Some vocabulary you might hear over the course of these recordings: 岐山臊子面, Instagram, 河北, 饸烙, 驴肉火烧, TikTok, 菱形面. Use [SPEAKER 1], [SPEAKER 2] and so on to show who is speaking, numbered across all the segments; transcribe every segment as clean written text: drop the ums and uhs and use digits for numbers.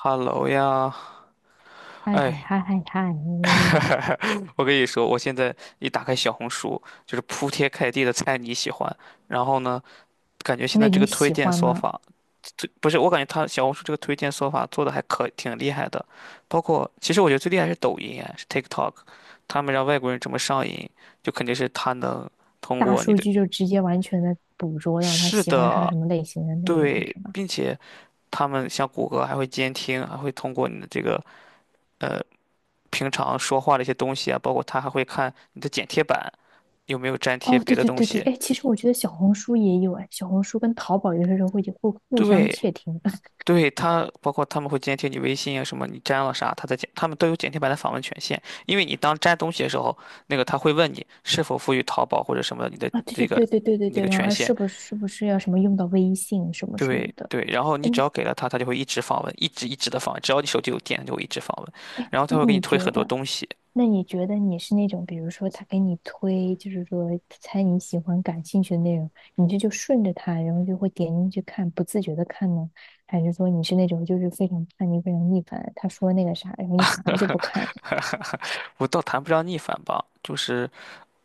[SPEAKER 1] Hello 呀，
[SPEAKER 2] 嗨嗨
[SPEAKER 1] 哎，
[SPEAKER 2] 嗨嗨嗨，
[SPEAKER 1] 我跟你说，我现在一打开小红书，就是铺天盖地的猜你喜欢。然后呢，感觉现在
[SPEAKER 2] 那
[SPEAKER 1] 这
[SPEAKER 2] 你
[SPEAKER 1] 个推
[SPEAKER 2] 喜
[SPEAKER 1] 荐
[SPEAKER 2] 欢
[SPEAKER 1] 算
[SPEAKER 2] 吗？
[SPEAKER 1] 法，这不是我感觉它小红书这个推荐算法做的还可挺厉害的。包括其实我觉得最厉害是抖音，哎，是 TikTok，他们让外国人怎么上瘾，就肯定是他能通
[SPEAKER 2] 大
[SPEAKER 1] 过你
[SPEAKER 2] 数
[SPEAKER 1] 的。
[SPEAKER 2] 据就直接完全的捕捉到他
[SPEAKER 1] 是
[SPEAKER 2] 喜欢刷
[SPEAKER 1] 的，
[SPEAKER 2] 什么类型的内容，
[SPEAKER 1] 对，
[SPEAKER 2] 是吧？
[SPEAKER 1] 并且他们像谷歌还会监听，还会通过你的这个。呃。平常说话的一些东西啊，包括他还会看你的剪贴板有没有粘贴
[SPEAKER 2] 哦，
[SPEAKER 1] 别
[SPEAKER 2] 对
[SPEAKER 1] 的
[SPEAKER 2] 对
[SPEAKER 1] 东
[SPEAKER 2] 对对，
[SPEAKER 1] 西。
[SPEAKER 2] 哎，其实我觉得小红书也有哎，小红书跟淘宝有的时候会互相
[SPEAKER 1] 对，
[SPEAKER 2] 窃听
[SPEAKER 1] 对，他包括他们会监听你微信啊，什么你粘了啥，他在剪，他们都有剪贴板的访问权限。因为你当粘东西的时候，那个他会问你是否赋予淘宝或者什么你的
[SPEAKER 2] 啊，
[SPEAKER 1] 这
[SPEAKER 2] 对
[SPEAKER 1] 个
[SPEAKER 2] 对对对对对
[SPEAKER 1] 那
[SPEAKER 2] 对，
[SPEAKER 1] 个
[SPEAKER 2] 然后
[SPEAKER 1] 权
[SPEAKER 2] 还
[SPEAKER 1] 限。
[SPEAKER 2] 是不是是不是要什么用到微信什么什么
[SPEAKER 1] 对
[SPEAKER 2] 的？
[SPEAKER 1] 对，然后你只
[SPEAKER 2] 嗯，
[SPEAKER 1] 要给了他，他就会一直访问，一直一直的访问，只要你手机有电，他就会一直访问，然后他
[SPEAKER 2] 那
[SPEAKER 1] 会给你
[SPEAKER 2] 你
[SPEAKER 1] 推
[SPEAKER 2] 觉
[SPEAKER 1] 很多
[SPEAKER 2] 得？
[SPEAKER 1] 东西。
[SPEAKER 2] 那你觉得你是那种，比如说他给你推，就是说猜你喜欢、感兴趣的内容，你这就顺着他，然后就会点进去看，不自觉的看呢？还是说你是那种就是非常叛逆、非常逆反，他说那个啥，然后你反而就不看了？
[SPEAKER 1] 我倒谈不上逆反吧，就是。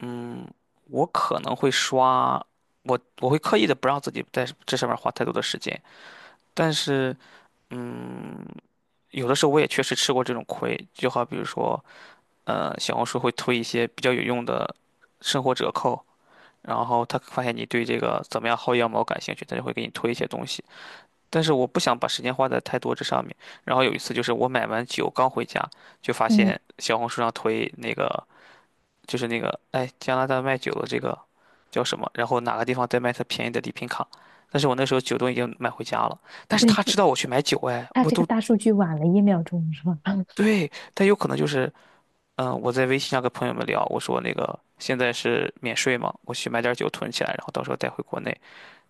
[SPEAKER 1] 嗯，我可能会刷，我会刻意的不让自己在这上面花太多的时间，但是，嗯，有的时候我也确实吃过这种亏，就好比如说，小红书会推一些比较有用的生活折扣，然后他发现你对这个怎么样薅羊毛感兴趣，他就会给你推一些东西，但是我不想把时间花在太多这上面。然后有一次就是我买完酒刚回家，就发
[SPEAKER 2] 嗯，
[SPEAKER 1] 现小红书上推那个。就是那个，哎，加拿大卖酒的这个叫什么？然后哪个地方在卖他便宜的礼品卡？但是我那时候酒都已经买回家了，但是他知
[SPEAKER 2] 那
[SPEAKER 1] 道我去买酒，哎，
[SPEAKER 2] 他
[SPEAKER 1] 我
[SPEAKER 2] 这个
[SPEAKER 1] 都
[SPEAKER 2] 大数据晚了一秒钟是吧？
[SPEAKER 1] 对，但有可能就是，我在微信上跟朋友们聊，我说那个现在是免税嘛，我去买点酒囤起来，然后到时候带回国内，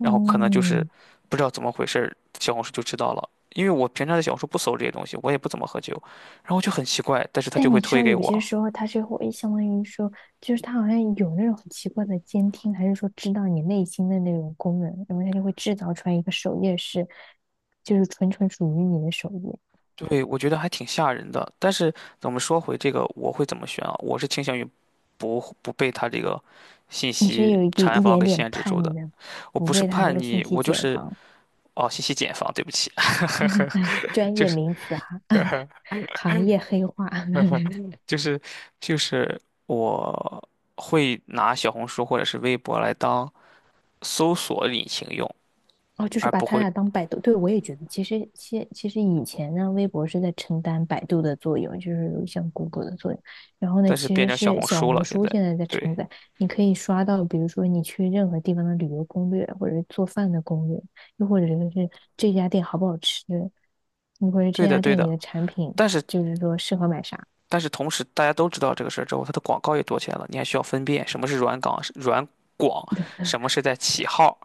[SPEAKER 1] 然后可能就是不知道怎么回事儿小红书就知道了，因为我平常在小红书不搜这些东西，我也不怎么喝酒，然后就很奇怪，但是他就
[SPEAKER 2] 但
[SPEAKER 1] 会
[SPEAKER 2] 你知
[SPEAKER 1] 推
[SPEAKER 2] 道，
[SPEAKER 1] 给
[SPEAKER 2] 有些
[SPEAKER 1] 我。
[SPEAKER 2] 时候他是会相当于说，就是他好像有那种很奇怪的监听，还是说知道你内心的那种功能，然后他就会制造出来一个首页是，就是纯纯属于你的首页。
[SPEAKER 1] 对，我觉得还挺吓人的。但是我们说回这个，我会怎么选啊？我是倾向于不被他这个信
[SPEAKER 2] 你是
[SPEAKER 1] 息
[SPEAKER 2] 有一
[SPEAKER 1] 茧
[SPEAKER 2] 一
[SPEAKER 1] 房
[SPEAKER 2] 点
[SPEAKER 1] 给
[SPEAKER 2] 点
[SPEAKER 1] 限制住
[SPEAKER 2] 叛逆
[SPEAKER 1] 的。
[SPEAKER 2] 的，
[SPEAKER 1] 我
[SPEAKER 2] 不
[SPEAKER 1] 不是
[SPEAKER 2] 被他那
[SPEAKER 1] 叛
[SPEAKER 2] 个信
[SPEAKER 1] 逆，
[SPEAKER 2] 息
[SPEAKER 1] 我就
[SPEAKER 2] 茧
[SPEAKER 1] 是
[SPEAKER 2] 房，
[SPEAKER 1] 哦，信息茧房，对不起，
[SPEAKER 2] 专
[SPEAKER 1] 就
[SPEAKER 2] 业
[SPEAKER 1] 是
[SPEAKER 2] 名词哈、行业黑话。
[SPEAKER 1] 就是就是我会拿小红书或者是微博来当搜索引擎用，
[SPEAKER 2] 哦，就
[SPEAKER 1] 而
[SPEAKER 2] 是把
[SPEAKER 1] 不
[SPEAKER 2] 他
[SPEAKER 1] 会，
[SPEAKER 2] 俩当百度，对，我也觉得，其实以前呢，微博是在承担百度的作用，就是像 Google 的作用。然后呢，
[SPEAKER 1] 但是
[SPEAKER 2] 其
[SPEAKER 1] 变
[SPEAKER 2] 实
[SPEAKER 1] 成小
[SPEAKER 2] 是
[SPEAKER 1] 红
[SPEAKER 2] 小
[SPEAKER 1] 书了
[SPEAKER 2] 红
[SPEAKER 1] 现
[SPEAKER 2] 书
[SPEAKER 1] 在。
[SPEAKER 2] 现在在
[SPEAKER 1] 对，
[SPEAKER 2] 承载，你可以刷到，比如说你去任何地方的旅游攻略，或者是做饭的攻略，又或者是这家店好不好吃，又或者
[SPEAKER 1] 对
[SPEAKER 2] 这
[SPEAKER 1] 的，
[SPEAKER 2] 家
[SPEAKER 1] 对
[SPEAKER 2] 店里
[SPEAKER 1] 的。
[SPEAKER 2] 的产品，
[SPEAKER 1] 但是
[SPEAKER 2] 就是说适合买啥，
[SPEAKER 1] 但是同时大家都知道这个事儿之后，它的广告也多起来了，你还需要分辨什么是软港、软广，什么是在起号，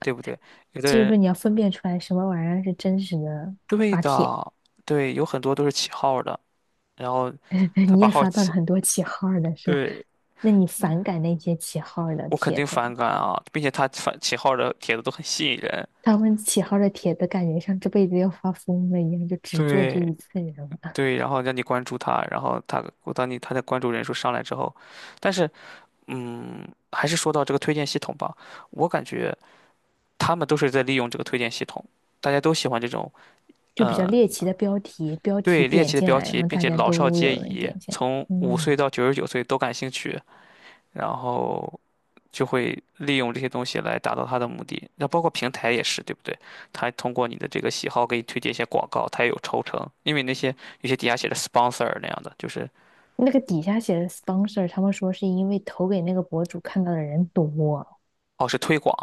[SPEAKER 1] 对不对？有的
[SPEAKER 2] 就是
[SPEAKER 1] 人
[SPEAKER 2] 说你要分辨出来什么玩意儿是真实的。
[SPEAKER 1] 对的，对，有很多都是起号的，然后 他
[SPEAKER 2] 你
[SPEAKER 1] 把
[SPEAKER 2] 也
[SPEAKER 1] 号
[SPEAKER 2] 刷到了
[SPEAKER 1] 起，
[SPEAKER 2] 很多 起号儿的是吧？
[SPEAKER 1] 对，
[SPEAKER 2] 那你反感那些起号儿的
[SPEAKER 1] 我肯
[SPEAKER 2] 帖
[SPEAKER 1] 定
[SPEAKER 2] 子
[SPEAKER 1] 反
[SPEAKER 2] 吗？
[SPEAKER 1] 感啊，并且他反起号的帖子都很吸引人，
[SPEAKER 2] 他们起号的帖子感觉像这辈子要发疯了一样，就只做这
[SPEAKER 1] 对
[SPEAKER 2] 一次，知人了，
[SPEAKER 1] 对，然后让你关注他，然后他我当你他的关注人数上来之后，但是还是说到这个推荐系统吧，我感觉他们都是在利用这个推荐系统。大家都喜欢这种
[SPEAKER 2] 就比较
[SPEAKER 1] 呃，
[SPEAKER 2] 猎奇的标题，标题
[SPEAKER 1] 对猎
[SPEAKER 2] 点
[SPEAKER 1] 奇的
[SPEAKER 2] 进
[SPEAKER 1] 标
[SPEAKER 2] 来，然
[SPEAKER 1] 题，
[SPEAKER 2] 后
[SPEAKER 1] 并
[SPEAKER 2] 大
[SPEAKER 1] 且
[SPEAKER 2] 家
[SPEAKER 1] 老少
[SPEAKER 2] 都
[SPEAKER 1] 皆
[SPEAKER 2] 有人
[SPEAKER 1] 宜，
[SPEAKER 2] 点进来。
[SPEAKER 1] 从五
[SPEAKER 2] 嗯，
[SPEAKER 1] 岁到99岁都感兴趣，然后就会利用这些东西来达到他的目的。那包括平台也是，对不对？他通过你的这个喜好给你推荐一些广告，他也有抽成，因为那些有些底下写的 sponsor 那样的，就是
[SPEAKER 2] 那个底下写的 sponsor,他们说是因为投给那个博主看到的人多
[SPEAKER 1] 哦是推广，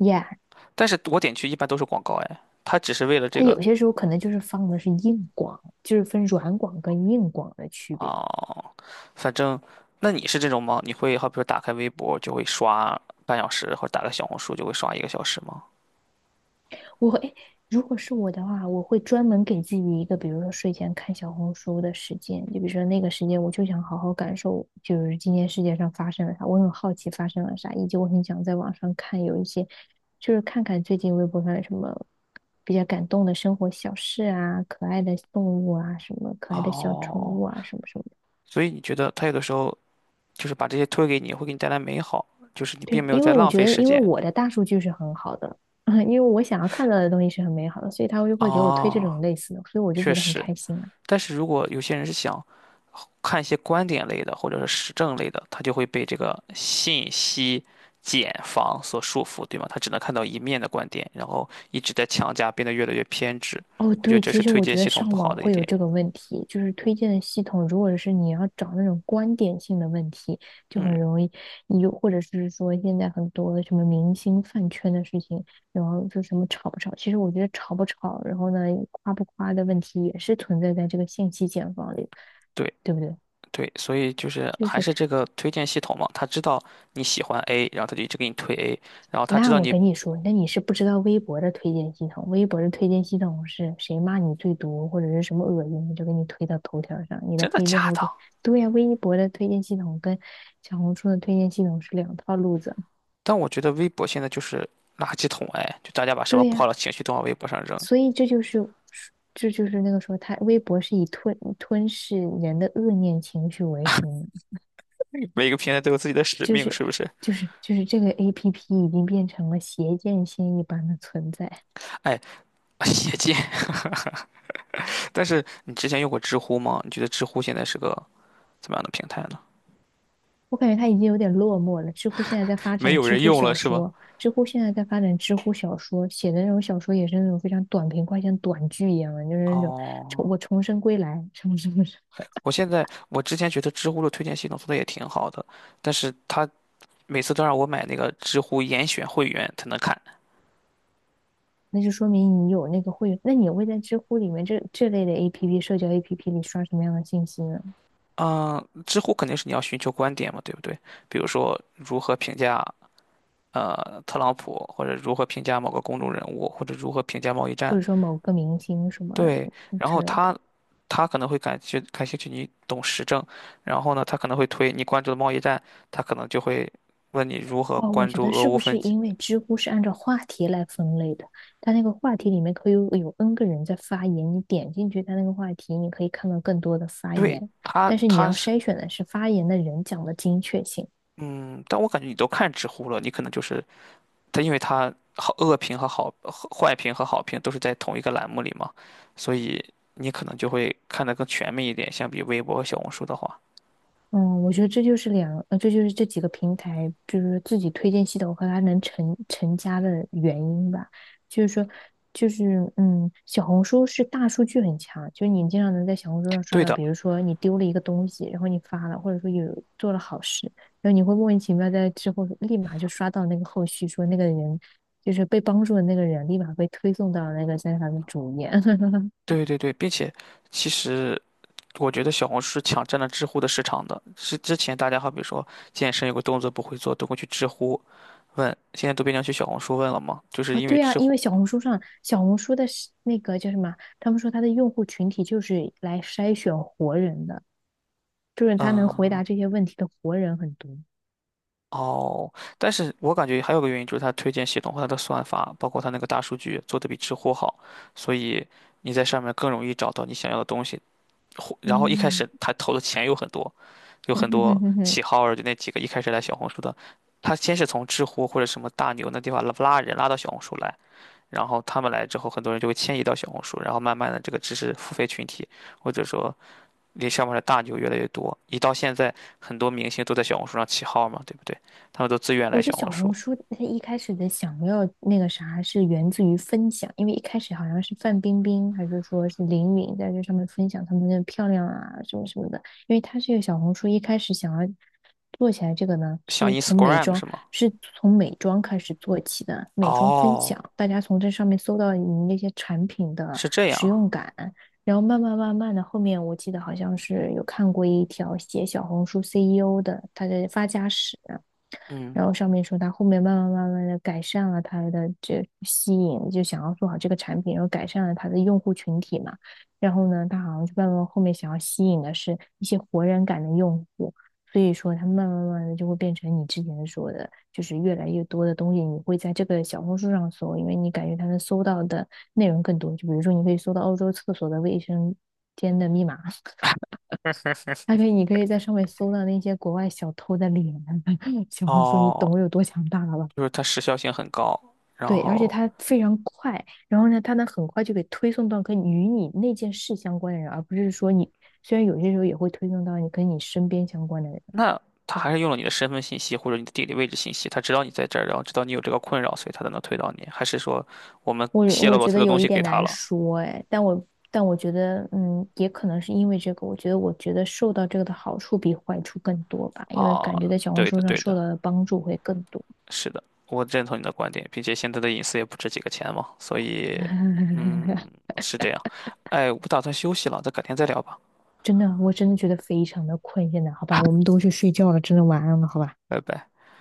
[SPEAKER 2] ，yeah,
[SPEAKER 1] 但是我点去一般都是广告，哎，他只是为了这
[SPEAKER 2] 他
[SPEAKER 1] 个
[SPEAKER 2] 有些时候可能就是放的是硬广，就是分软广跟硬广的区别。
[SPEAKER 1] 啊、反正那你是这种吗？你会好比说打开微博就会刷半小时，或者打开小红书就会刷1个小时吗？
[SPEAKER 2] 我会，如果是我的话，我会专门给自己一个，比如说睡前看小红书的时间，就比如说那个时间，我就想好好感受，就是今天世界上发生了啥，我很好奇发生了啥，以及我很想在网上看有一些，就是看看最近微博上有什么比较感动的生活小事啊，可爱的动物啊，什么可爱的小宠
[SPEAKER 1] 哦，
[SPEAKER 2] 物啊，什么什么的。
[SPEAKER 1] 所以你觉得他有的时候就是把这些推给你，会给你带来美好，就是你并
[SPEAKER 2] 对，
[SPEAKER 1] 没有
[SPEAKER 2] 因为
[SPEAKER 1] 在
[SPEAKER 2] 我
[SPEAKER 1] 浪
[SPEAKER 2] 觉
[SPEAKER 1] 费
[SPEAKER 2] 得，
[SPEAKER 1] 时
[SPEAKER 2] 因为
[SPEAKER 1] 间。
[SPEAKER 2] 我的大数据是很好的，因为我想要看到的东西是很美好的，所以他就会给我推这种
[SPEAKER 1] 啊。
[SPEAKER 2] 类似的，所以我就
[SPEAKER 1] 确
[SPEAKER 2] 觉得很
[SPEAKER 1] 实。
[SPEAKER 2] 开心啊。
[SPEAKER 1] 但是如果有些人是想看一些观点类的或者是实证类的，他就会被这个信息茧房所束缚，对吗？他只能看到一面的观点，然后一直在强加，变得越来越偏执。
[SPEAKER 2] 哦，
[SPEAKER 1] 我觉得
[SPEAKER 2] 对，
[SPEAKER 1] 这是
[SPEAKER 2] 其实
[SPEAKER 1] 推
[SPEAKER 2] 我
[SPEAKER 1] 荐
[SPEAKER 2] 觉得
[SPEAKER 1] 系统不
[SPEAKER 2] 上
[SPEAKER 1] 好
[SPEAKER 2] 网
[SPEAKER 1] 的一
[SPEAKER 2] 会有
[SPEAKER 1] 点。
[SPEAKER 2] 这个问题，就是推荐的系统，如果是你要找那种观点性的问题，就
[SPEAKER 1] 嗯，
[SPEAKER 2] 很容易有，或者是说现在很多的什么明星饭圈的事情，然后就什么吵不吵，其实我觉得吵不吵，然后呢夸不夸的问题也是存在在这个信息茧房里，
[SPEAKER 1] 对。
[SPEAKER 2] 对不对？
[SPEAKER 1] 对，所以就是还是这个推荐系统嘛，他知道你喜欢 A，然后他就一直给你推 A，然后他知
[SPEAKER 2] 那
[SPEAKER 1] 道
[SPEAKER 2] 我
[SPEAKER 1] 你
[SPEAKER 2] 跟你说，那你是不知道微博的推荐系统，微博的推荐系统是谁骂你最多或者是什么恶心，就给你推到头条上，你的
[SPEAKER 1] 真的
[SPEAKER 2] 黑料
[SPEAKER 1] 假
[SPEAKER 2] 会给。
[SPEAKER 1] 的。
[SPEAKER 2] 对呀,微博的推荐系统跟小红书的推荐系统是两套路子。
[SPEAKER 1] 但我觉得微博现在就是垃圾桶，哎，就大家把什么
[SPEAKER 2] 对
[SPEAKER 1] 不好
[SPEAKER 2] 呀、
[SPEAKER 1] 的情绪都往微博上扔，
[SPEAKER 2] 所以这就是那个说他微博是以吞噬人的恶念情绪为生的，
[SPEAKER 1] 每个平台都有自己的使命，是不是？
[SPEAKER 2] 就是这个 APP 已经变成了邪剑仙一般的存在。
[SPEAKER 1] 哎，邪见。但是你之前用过知乎吗？你觉得知乎现在是个怎么样的平台呢？
[SPEAKER 2] 我感觉他已经有点落寞了。知乎现在在发
[SPEAKER 1] 没
[SPEAKER 2] 展
[SPEAKER 1] 有
[SPEAKER 2] 知
[SPEAKER 1] 人
[SPEAKER 2] 乎
[SPEAKER 1] 用了
[SPEAKER 2] 小
[SPEAKER 1] 是吧？
[SPEAKER 2] 说，知乎现在在发展知乎小说，写的那种小说也是那种非常短平快，像短剧一样的，就是那种
[SPEAKER 1] 哦，
[SPEAKER 2] 我重生归来什么什么什么，
[SPEAKER 1] 我现在我之前觉得知乎的推荐系统做的也挺好的，但是它每次都让我买那个知乎严选会员才能看。
[SPEAKER 2] 那就说明你有那个会员那你会在知乎里面这类的 APP 社交 APP 里刷什么样的信息呢？
[SPEAKER 1] 嗯，知乎肯定是你要寻求观点嘛，对不对？比如说如何评价特朗普，或者如何评价某个公众人物，或者如何评价贸易
[SPEAKER 2] 或
[SPEAKER 1] 战。
[SPEAKER 2] 者说某个明星什么
[SPEAKER 1] 对，然
[SPEAKER 2] 之
[SPEAKER 1] 后
[SPEAKER 2] 类的？
[SPEAKER 1] 他他可能会感觉感兴趣你懂时政，然后呢，他可能会推你关注的贸易战，他可能就会问你如何
[SPEAKER 2] 哦，我
[SPEAKER 1] 关
[SPEAKER 2] 觉
[SPEAKER 1] 注
[SPEAKER 2] 得
[SPEAKER 1] 俄
[SPEAKER 2] 是
[SPEAKER 1] 乌
[SPEAKER 2] 不是
[SPEAKER 1] 分歧。
[SPEAKER 2] 因为知乎是按照话题来分类的？它那个话题里面可以有 N 个人在发言，你点进去它那个话题，你可以看到更多的发
[SPEAKER 1] 对，
[SPEAKER 2] 言，
[SPEAKER 1] 他
[SPEAKER 2] 但是你
[SPEAKER 1] 他
[SPEAKER 2] 要
[SPEAKER 1] 是
[SPEAKER 2] 筛选的是发言的人讲的精确性。
[SPEAKER 1] 嗯，但我感觉你都看知乎了，你可能就是。它因为它好恶评和好和坏评和好评都是在同一个栏目里嘛，所以你可能就会看得更全面一点，相比微博和小红书的话。
[SPEAKER 2] 嗯，我觉得这就是这几个平台，就是自己推荐系统和它能成家的原因吧。就是说，就是小红书是大数据很强，就是你经常能在小红书上刷
[SPEAKER 1] 对
[SPEAKER 2] 到，
[SPEAKER 1] 的，
[SPEAKER 2] 比如说你丢了一个东西，然后你发了，或者说有做了好事，然后你会莫名其妙在之后立马就刷到那个后续，说那个人就是被帮助的那个人，立马被推送到那个在他的主页。
[SPEAKER 1] 对对对，并且其实我觉得小红书是抢占了知乎的市场的。是之前大家好比说健身有个动作不会做，都会去知乎问，现在都变成去小红书问了嘛，就是
[SPEAKER 2] 啊，
[SPEAKER 1] 因为
[SPEAKER 2] 对啊，
[SPEAKER 1] 知
[SPEAKER 2] 因
[SPEAKER 1] 乎，
[SPEAKER 2] 为小红书的是那个叫什么？他们说他的用户群体就是来筛选活人的，就是他能回
[SPEAKER 1] 嗯。
[SPEAKER 2] 答这些问题的活人很多。
[SPEAKER 1] 哦，但是我感觉还有个原因就是它推荐系统和它的算法，包括它那个大数据做的比知乎好，所以你在上面更容易找到你想要的东西。然后一开
[SPEAKER 2] 嗯，
[SPEAKER 1] 始他投的钱有很多，有很多起 号儿，就那几个一开始来小红书的，他先是从知乎或者什么大牛那地方拉拉人拉到小红书来，然后他们来之后，很多人就会迁移到小红书，然后慢慢的这个知识付费群体或者说离上面的大牛越来越多，一到现在，很多明星都在小红书上起号嘛，对不对？他们都自愿来
[SPEAKER 2] 我觉得
[SPEAKER 1] 小红
[SPEAKER 2] 小
[SPEAKER 1] 书，
[SPEAKER 2] 红书它一开始的想要那个啥，是源自于分享，因为一开始好像是范冰冰还是说是林允在这上面分享她们的漂亮啊什么什么的，因为它这个小红书一开始想要做起来这个呢，
[SPEAKER 1] 像 Instagram 是吗？
[SPEAKER 2] 是从美妆开始做起的，美妆分
[SPEAKER 1] 哦，
[SPEAKER 2] 享，大家从这上面搜到你那些产品的
[SPEAKER 1] 是这
[SPEAKER 2] 使
[SPEAKER 1] 样，
[SPEAKER 2] 用感，然后慢慢慢慢的，后面我记得好像是有看过一条写小红书 CEO 的他的发家史。
[SPEAKER 1] 嗯，
[SPEAKER 2] 然后上面说他后面慢慢慢慢的改善了他的这吸引，就想要做好这个产品，然后改善了他的用户群体嘛。然后呢，他好像就慢慢后面想要吸引的是一些活人感的用户，所以说他慢慢慢慢的就会变成你之前说的，就是越来越多的东西你会在这个小红书上搜，因为你感觉他能搜到的内容更多。就比如说你可以搜到欧洲厕所的卫生间的密码，还可以，你可以在上面搜到那些国外小偷的脸啊，小红书，你
[SPEAKER 1] 哦，
[SPEAKER 2] 懂我有多强大了吧？
[SPEAKER 1] 就是它时效性很高，然
[SPEAKER 2] 对，而且
[SPEAKER 1] 后
[SPEAKER 2] 它非常快，然后呢，它能很快就给推送到跟与你那件事相关的人，而不是说你虽然有些时候也会推送到你跟你身边相关的人，
[SPEAKER 1] 那他还是用了你的身份信息或者你的地理位置信息，他知道你在这儿，然后知道你有这个困扰，所以他才能推到你，还是说我们
[SPEAKER 2] 我
[SPEAKER 1] 泄露
[SPEAKER 2] 我
[SPEAKER 1] 了
[SPEAKER 2] 觉
[SPEAKER 1] 太
[SPEAKER 2] 得
[SPEAKER 1] 多东
[SPEAKER 2] 有一
[SPEAKER 1] 西给
[SPEAKER 2] 点
[SPEAKER 1] 他
[SPEAKER 2] 难
[SPEAKER 1] 了？
[SPEAKER 2] 说哎，但我觉得也可能是因为这个，我觉得受到这个的好处比坏处更多吧，因为感觉
[SPEAKER 1] 啊，
[SPEAKER 2] 在小红
[SPEAKER 1] 对的，
[SPEAKER 2] 书上
[SPEAKER 1] 对的。
[SPEAKER 2] 受到的帮助会更多。
[SPEAKER 1] 是的，我认同你的观点，并且现在的隐私也不值几个钱嘛，所以，嗯，是这样。哎，我不打算休息了，咱改天再聊吧，
[SPEAKER 2] 真的，我真的觉得非常的困现在，好吧，我们都去睡觉了，真的晚安了，好吧。
[SPEAKER 1] 拜拜。